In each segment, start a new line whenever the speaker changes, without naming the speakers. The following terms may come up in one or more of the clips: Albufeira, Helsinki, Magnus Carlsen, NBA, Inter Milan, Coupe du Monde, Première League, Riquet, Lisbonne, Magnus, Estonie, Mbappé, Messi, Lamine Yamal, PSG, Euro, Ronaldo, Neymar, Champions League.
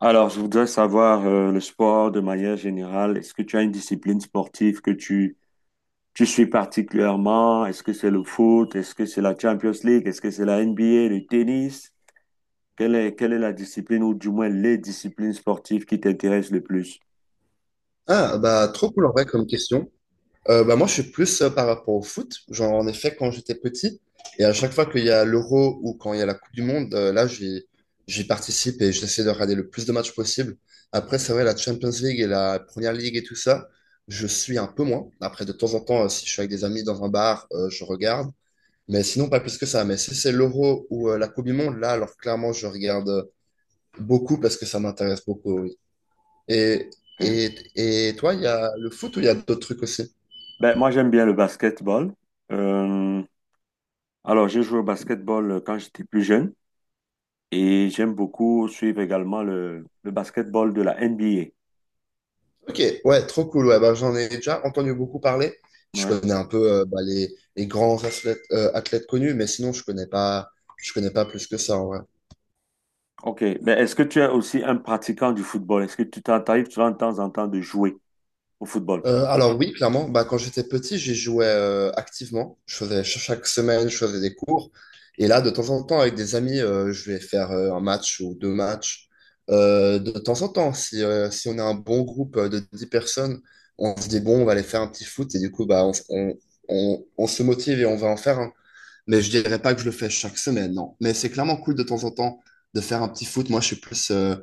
Alors, je voudrais savoir le sport de manière générale. Est-ce que tu as une discipline sportive que tu suis particulièrement? Est-ce que c'est le foot? Est-ce que c'est la Champions League? Est-ce que c'est la NBA, le tennis? Quelle est la discipline ou du moins les disciplines sportives qui t'intéressent le plus?
Ah, bah, trop cool en vrai comme question. Moi, je suis plus par rapport au foot. Genre, en effet, quand j'étais petit, et à chaque fois qu'il y a l'Euro ou quand il y a la Coupe du Monde, là, j'y participe et j'essaie de regarder le plus de matchs possible. Après, c'est vrai, la Champions League et la Première League et tout ça, je suis un peu moins. Après, de temps en temps, si je suis avec des amis dans un bar, je regarde. Mais sinon, pas plus que ça. Mais si c'est l'Euro ou la Coupe du Monde, là, alors clairement, je regarde beaucoup parce que ça m'intéresse beaucoup. Oui. Et,
Ok.
et, et toi, il y a le foot ou il y a d'autres trucs aussi
Ben, moi, j'aime bien le basketball. Euh, alors, j'ai joué au basketball quand j'étais plus jeune et j'aime beaucoup suivre également le basketball de la NBA.
Ok, ouais, trop cool. Ouais, bah, j'en ai déjà entendu beaucoup parler. Je
Ouais.
connais un peu bah, les grands athlètes, athlètes connus, mais sinon, je connais pas plus que ça en vrai.
Ok, mais est-ce que tu es aussi un pratiquant du football? Est-ce que tu t'arrives souvent de temps en temps de jouer au football?
Alors oui, clairement, bah, quand j'étais petit, j'y jouais activement. Je faisais chaque semaine, je faisais des cours. Et là, de temps en temps, avec des amis, je vais faire un match ou deux matchs. De temps en temps, si, si on a un bon groupe de 10 personnes, on se dit, bon, on va aller faire un petit foot. Et du coup, bah, on se motive et on va en faire un. Mais je dirais pas que je le fais chaque semaine, non. Mais c'est clairement cool de temps en temps de faire un petit foot.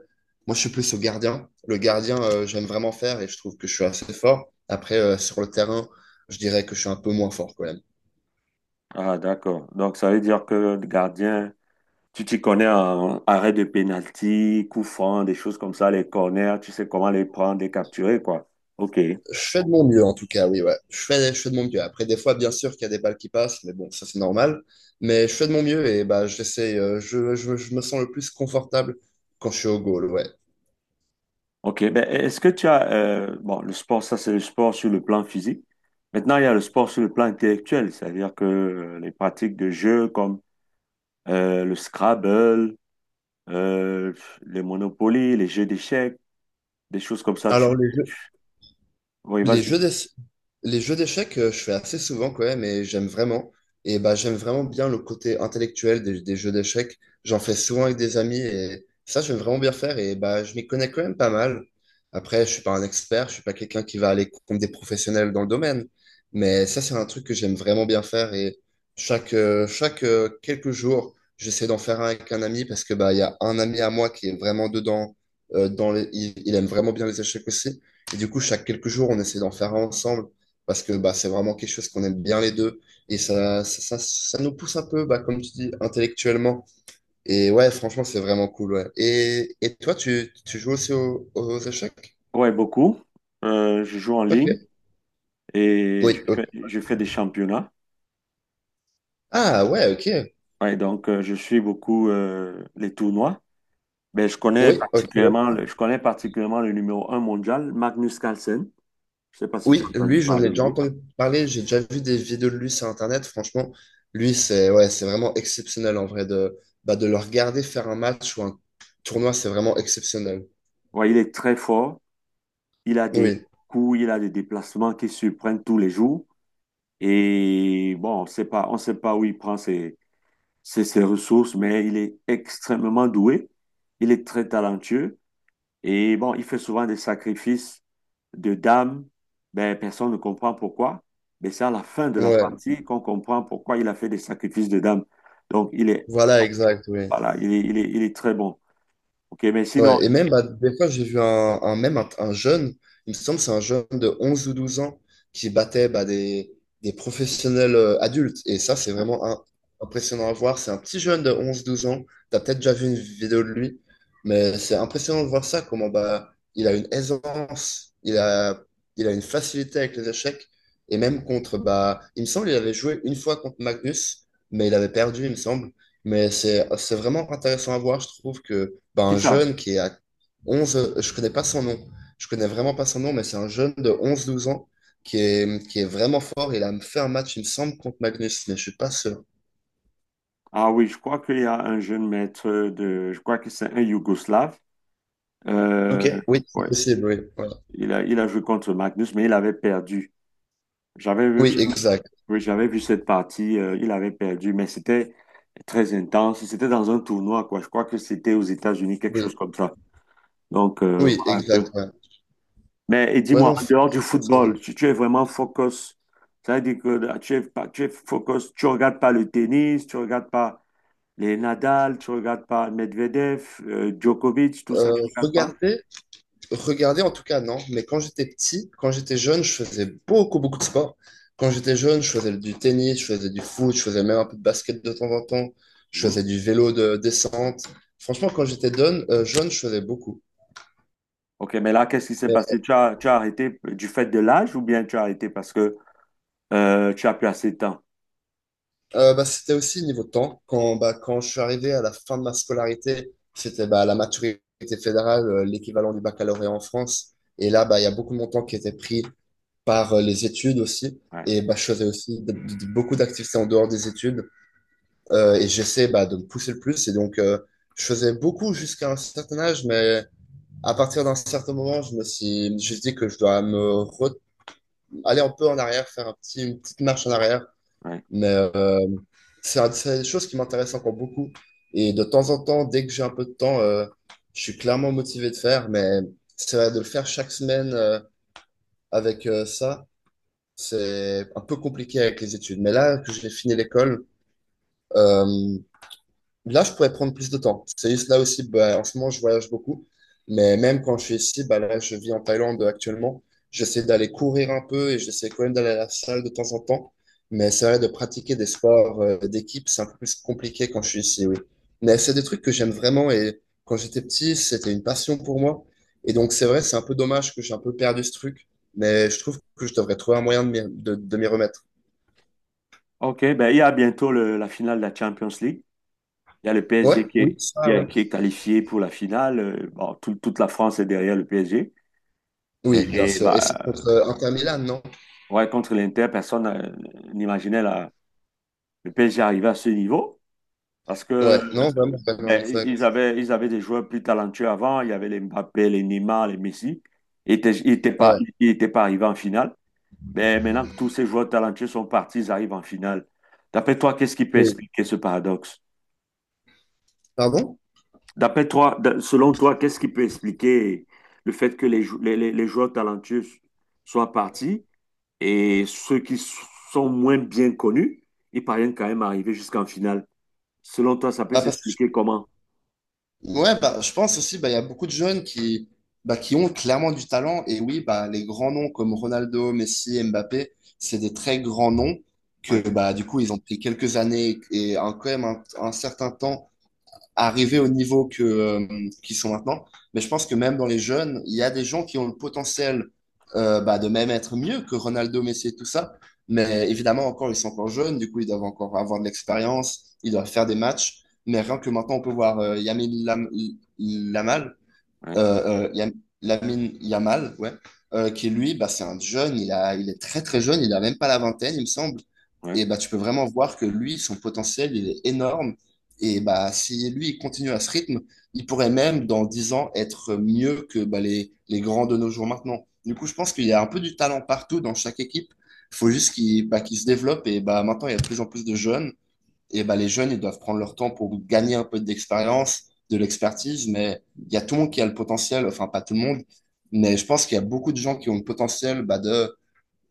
Moi, je suis plus au gardien. Le gardien, j'aime vraiment faire et je trouve que je suis assez fort. Après, sur le terrain, je dirais que je suis un peu moins fort quand même.
Ah, d'accord. Donc, ça veut dire que le gardien, tu t'y connais en arrêt de pénalty, coup franc, des choses comme ça, les corners, tu sais comment les prendre, les capturer, quoi. Ok,
Je fais de mon mieux, en tout cas, oui, ouais. Je fais de mon mieux. Après, des fois, bien sûr qu'il y a des balles qui passent, mais bon, ça, c'est normal. Mais je fais de mon mieux et bah, j'essaie, je me sens le plus confortable quand je suis au goal, ouais.
ok. Ben, est-ce que tu as, bon, le sport, ça, c'est le sport sur le plan physique. Maintenant, il y a le sport sur le plan intellectuel, c'est-à-dire que les pratiques de jeux comme le Scrabble, euh, les Monopoly, les jeux d'échecs, des choses comme ça.
Alors,
Tu... Oui,
Les
vas-y.
jeux d'ess- les jeux d'échecs, je fais assez souvent quand même et j'aime vraiment. Et bah, j'aime vraiment bien le côté intellectuel des jeux d'échecs. J'en fais souvent avec des amis et ça, j'aime vraiment bien faire. Et bah, je m'y connais quand même pas mal. Après, je suis pas un expert, je suis pas quelqu'un qui va aller contre des professionnels dans le domaine. Mais ça, c'est un truc que j'aime vraiment bien faire. Et chaque quelques jours, j'essaie d'en faire un avec un ami parce que bah, il y a un ami à moi qui est vraiment dedans. Il aime vraiment bien les échecs aussi. Et du coup, chaque quelques jours, on essaie d'en faire un ensemble parce que bah, c'est vraiment quelque chose qu'on aime bien les deux. Et ça nous pousse un peu, bah, comme tu dis, intellectuellement. Et ouais, franchement, c'est vraiment cool. Ouais. Et toi, tu joues aussi aux échecs?
Ouais, beaucoup. Je joue en
Ok.
ligne et je
Oui,
fais,
ok.
je fais des championnats.
Ah ouais, ok.
Ouais, donc je suis beaucoup les tournois. Mais
Oui, ok, ouais.
je connais particulièrement le numéro un mondial, Magnus Carlsen. Je sais pas si tu as
Oui,
entendu
lui, j'en
parler
ai
de
déjà
lui.
entendu parler. J'ai déjà vu des vidéos de lui sur Internet. Franchement, lui, c'est ouais, c'est vraiment exceptionnel en vrai de, bah, de le regarder faire un match ou un tournoi, c'est vraiment exceptionnel.
Ouais, il est très fort. Il a des
Oui,
coups, il a des déplacements qui surprennent tous les jours. Et bon, on sait pas où il prend ses ressources, mais il est extrêmement doué. Il est très talentueux. Et bon, il fait souvent des sacrifices de dames. Ben, personne ne comprend pourquoi. Mais c'est à la fin de la
ouais.
partie qu'on comprend pourquoi il a fait des sacrifices de dames. Donc, il est,
Voilà, exact, oui.
voilà, il est très bon. OK, mais sinon,
Ouais, et même, bah, des fois, j'ai vu un jeune, il me semble que c'est un jeune de 11 ou 12 ans qui battait bah, des professionnels adultes. Et ça, c'est
hein,
vraiment impressionnant à voir. C'est un petit jeune de onze douze ans. Tu as peut-être déjà vu une vidéo de lui, mais c'est impressionnant de voir ça, comment bah, il a une facilité avec les échecs. Et même contre, bah, il me semble qu'il avait joué une fois contre Magnus, mais il avait perdu, il me semble. Mais c'est vraiment intéressant à voir, je trouve que bah,
qui
un
ça?
jeune qui est à 11. Je connais pas son nom, je connais vraiment pas son nom, mais c'est un jeune de onze, douze ans qui est vraiment fort. Il a fait un match, il me semble, contre Magnus, mais je suis pas sûr.
Ah oui, je crois qu'il y a un je crois que c'est un Yougoslave. Euh,
Ok. Oui, c'est
ouais,
possible, oui. Voilà.
il a joué contre Magnus, mais il avait perdu. J'avais vu.
Oui, exact.
Oui, j'avais vu cette partie, il avait perdu, mais c'était très intense. C'était dans un tournoi, quoi. Je crois que c'était aux États-Unis, quelque chose
Oui,
comme ça. Donc,
oui,
voilà un
exact.
peu.
Ouais,
Mais et
ouais,
dis-moi,
non,
en dehors du
franchement,
football, tu es vraiment focus. Ça veut dire que tu es focus, tu regardes pas le tennis, tu regardes pas les Nadal, tu regardes pas Medvedev, Djokovic, tout
euh,
ça, tu regardes pas?
regardez, Regarder, en tout cas, non. Mais quand j'étais petit, quand j'étais jeune, je faisais beaucoup, beaucoup de sport. Quand j'étais jeune, je faisais du tennis, je faisais du foot, je faisais même un peu de basket de temps en temps. Je faisais
Non.
du vélo de descente. Franchement, quand j'étais jeune, jeune, je faisais beaucoup.
Ok, mais là, qu'est-ce qui s'est
Mais,
passé? Tu as arrêté du fait de l'âge ou bien tu as arrêté parce que tu as plus assez de temps.
Bah, c'était aussi niveau temps. Quand, bah, quand je suis arrivé à la fin de ma scolarité, c'était bah, la maturité fédérale, l'équivalent du baccalauréat en France. Et là, bah, il y a beaucoup de mon temps qui était pris par les études aussi.
Ouais,
Et bah, je faisais aussi beaucoup d'activités en dehors des études. Et j'essaie bah, de me pousser le plus. Et donc, je faisais beaucoup jusqu'à un certain âge, mais à partir d'un certain moment, je me suis dit que je dois aller un peu en arrière, faire une petite marche en arrière.
ouais.
Mais c'est c'est des choses qui m'intéressent encore beaucoup. Et de temps en temps, dès que j'ai un peu de temps, je suis clairement motivé de faire. Mais c'est vrai, de le faire chaque semaine avec euh, ça, c'est un peu compliqué avec les études. Mais là que j'ai fini l'école, euh, là, je pourrais prendre plus de temps. C'est juste là aussi, bah, en ce moment, je voyage beaucoup. Mais même quand je suis ici, bah, là, je vis en Thaïlande actuellement. J'essaie d'aller courir un peu et j'essaie quand même d'aller à la salle de temps en temps. Mais c'est vrai, de pratiquer des sports d'équipe, c'est un peu plus compliqué quand je suis ici, oui. Mais c'est des trucs que j'aime vraiment et quand j'étais petit, c'était une passion pour moi. Et donc, c'est vrai, c'est un peu dommage que j'ai un peu perdu ce truc. Mais je trouve que je devrais trouver un moyen de de m'y remettre.
OK, ben, il y a bientôt la finale de la Champions League. Il y a le PSG
Ouais,
qui
oui,
est,
ça, ouais.
qui est qualifié pour la finale. Bon, toute la France est derrière le PSG. Et,
Oui, bien
et,
sûr. Et c'est
bah,
contre Inter Milan, non?
ouais, contre l'Inter, personne n'imaginait le PSG arriver à ce niveau. Parce que
Ouais, non, vraiment, vraiment,
ben,
exact.
ils avaient des joueurs plus talentueux avant. Il y avait les Mbappé, les Neymar, les Messi.
Ouais,
Ils étaient pas arrivés en finale. Mais maintenant que tous ces joueurs talentueux sont partis, ils arrivent en finale. D'après toi, qu'est-ce qui peut
oui.
expliquer ce paradoxe?
Pardon?
D'après toi, qu'est-ce qui peut expliquer le fait que les joueurs talentueux soient partis et ceux qui sont moins bien connus, ils parviennent quand même à arriver jusqu'en finale? Selon toi, ça peut
Bah, parce que
s'expliquer comment?
je, ouais, bah, je pense aussi, bah, il y a beaucoup de jeunes qui, bah, qui ont clairement du talent. Et oui, bah, les grands noms comme Ronaldo, Messi, Mbappé, c'est des très grands noms
Ouais,
que, bah, du coup, ils ont pris quelques années et un, quand même un certain temps arriver au niveau que, qu'ils sont maintenant. Mais je pense que même dans les jeunes, il y a des gens qui ont le potentiel bah, de même être mieux que Ronaldo, Messi et tout ça. Mais évidemment, encore, ils sont encore jeunes, du coup, ils doivent encore avoir de l'expérience, ils doivent faire des matchs. Mais rien que maintenant, on peut voir Lamal
ouais,
euh, euh, Yam- Lamine Yamal, ouais, qui lui, bah, c'est un jeune, il est très très jeune, il a même pas la vingtaine, il me semble.
ouais.
Et bah, tu peux vraiment voir que lui, son potentiel, il est énorme. Et bah, si lui, il continue à ce rythme, il pourrait même, dans 10 ans, être mieux que bah, les grands de nos jours maintenant. Du coup, je pense qu'il y a un peu du talent partout dans chaque équipe. Il faut
Mmh,
juste qu'il se développe. Et bah, maintenant, il y a de plus en plus de jeunes et ben, les jeunes, ils doivent prendre leur temps pour gagner un peu d'expérience, de l'expertise, mais il y a tout le monde qui a le potentiel, enfin pas tout le monde, mais je pense qu'il y a beaucoup de gens qui ont le potentiel bah,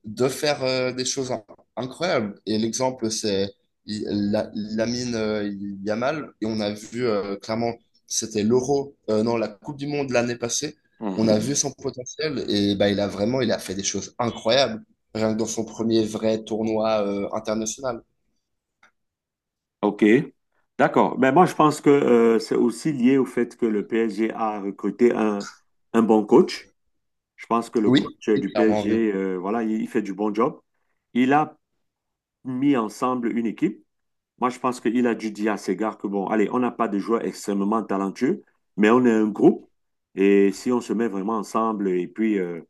de faire des choses incroyables. Et l'exemple, c'est il- Lamine Yamal, et on a vu clairement, c'était l'Euro, non, la Coupe du Monde l'année passée, on a
mmh.
vu son potentiel, et bah, il a fait des choses incroyables, rien que dans son premier vrai tournoi international.
OK. D'accord. Mais moi, je pense que c'est aussi lié au fait que le PSG a recruté un bon coach. Je pense que le
Oui,
coach
oui,
du
clairement, oui.
PSG, voilà, il fait du bon job. Il a mis ensemble une équipe. Moi, je pense qu'il a dû dire à ses gars que, bon, allez, on n'a pas de joueurs extrêmement talentueux, mais on est un groupe. Et si on se met vraiment ensemble et puis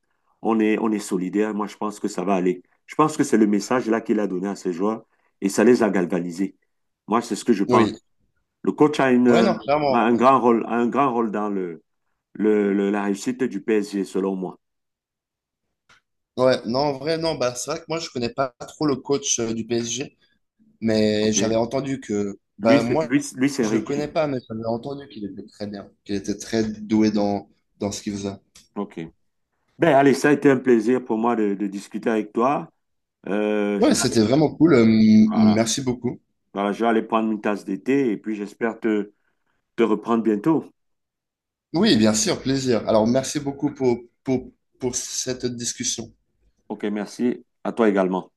on est solidaire, moi, je pense que ça va aller. Je pense que c'est le message là qu'il a donné à ses joueurs et ça les a galvanisés. Moi, c'est ce que je
Oui.
pense. Le coach a,
Ouais,
une,
non,
a
clairement.
un grand rôle, a un grand rôle dans la réussite du PSG, selon moi.
Ouais, non, en vrai, non, bah, c'est vrai que moi, je connais pas trop le coach du PSG, mais
Ok.
j'avais entendu que, bah, moi,
Lui, c'est
je le
Riquet.
connais pas, mais j'avais entendu qu'il était très bien, qu'il était très doué dans, dans ce qu'il faisait.
OK. Ben, allez, ça a été un plaisir pour moi de discuter avec toi. Je
Ouais,
vais aller,
c'était vraiment cool.
voilà.
Merci beaucoup.
Voilà, je vais aller prendre une tasse d'été et puis j'espère te reprendre bientôt.
Oui, bien sûr, plaisir. Alors, merci beaucoup pour, pour cette discussion.
Ok, merci. À toi également.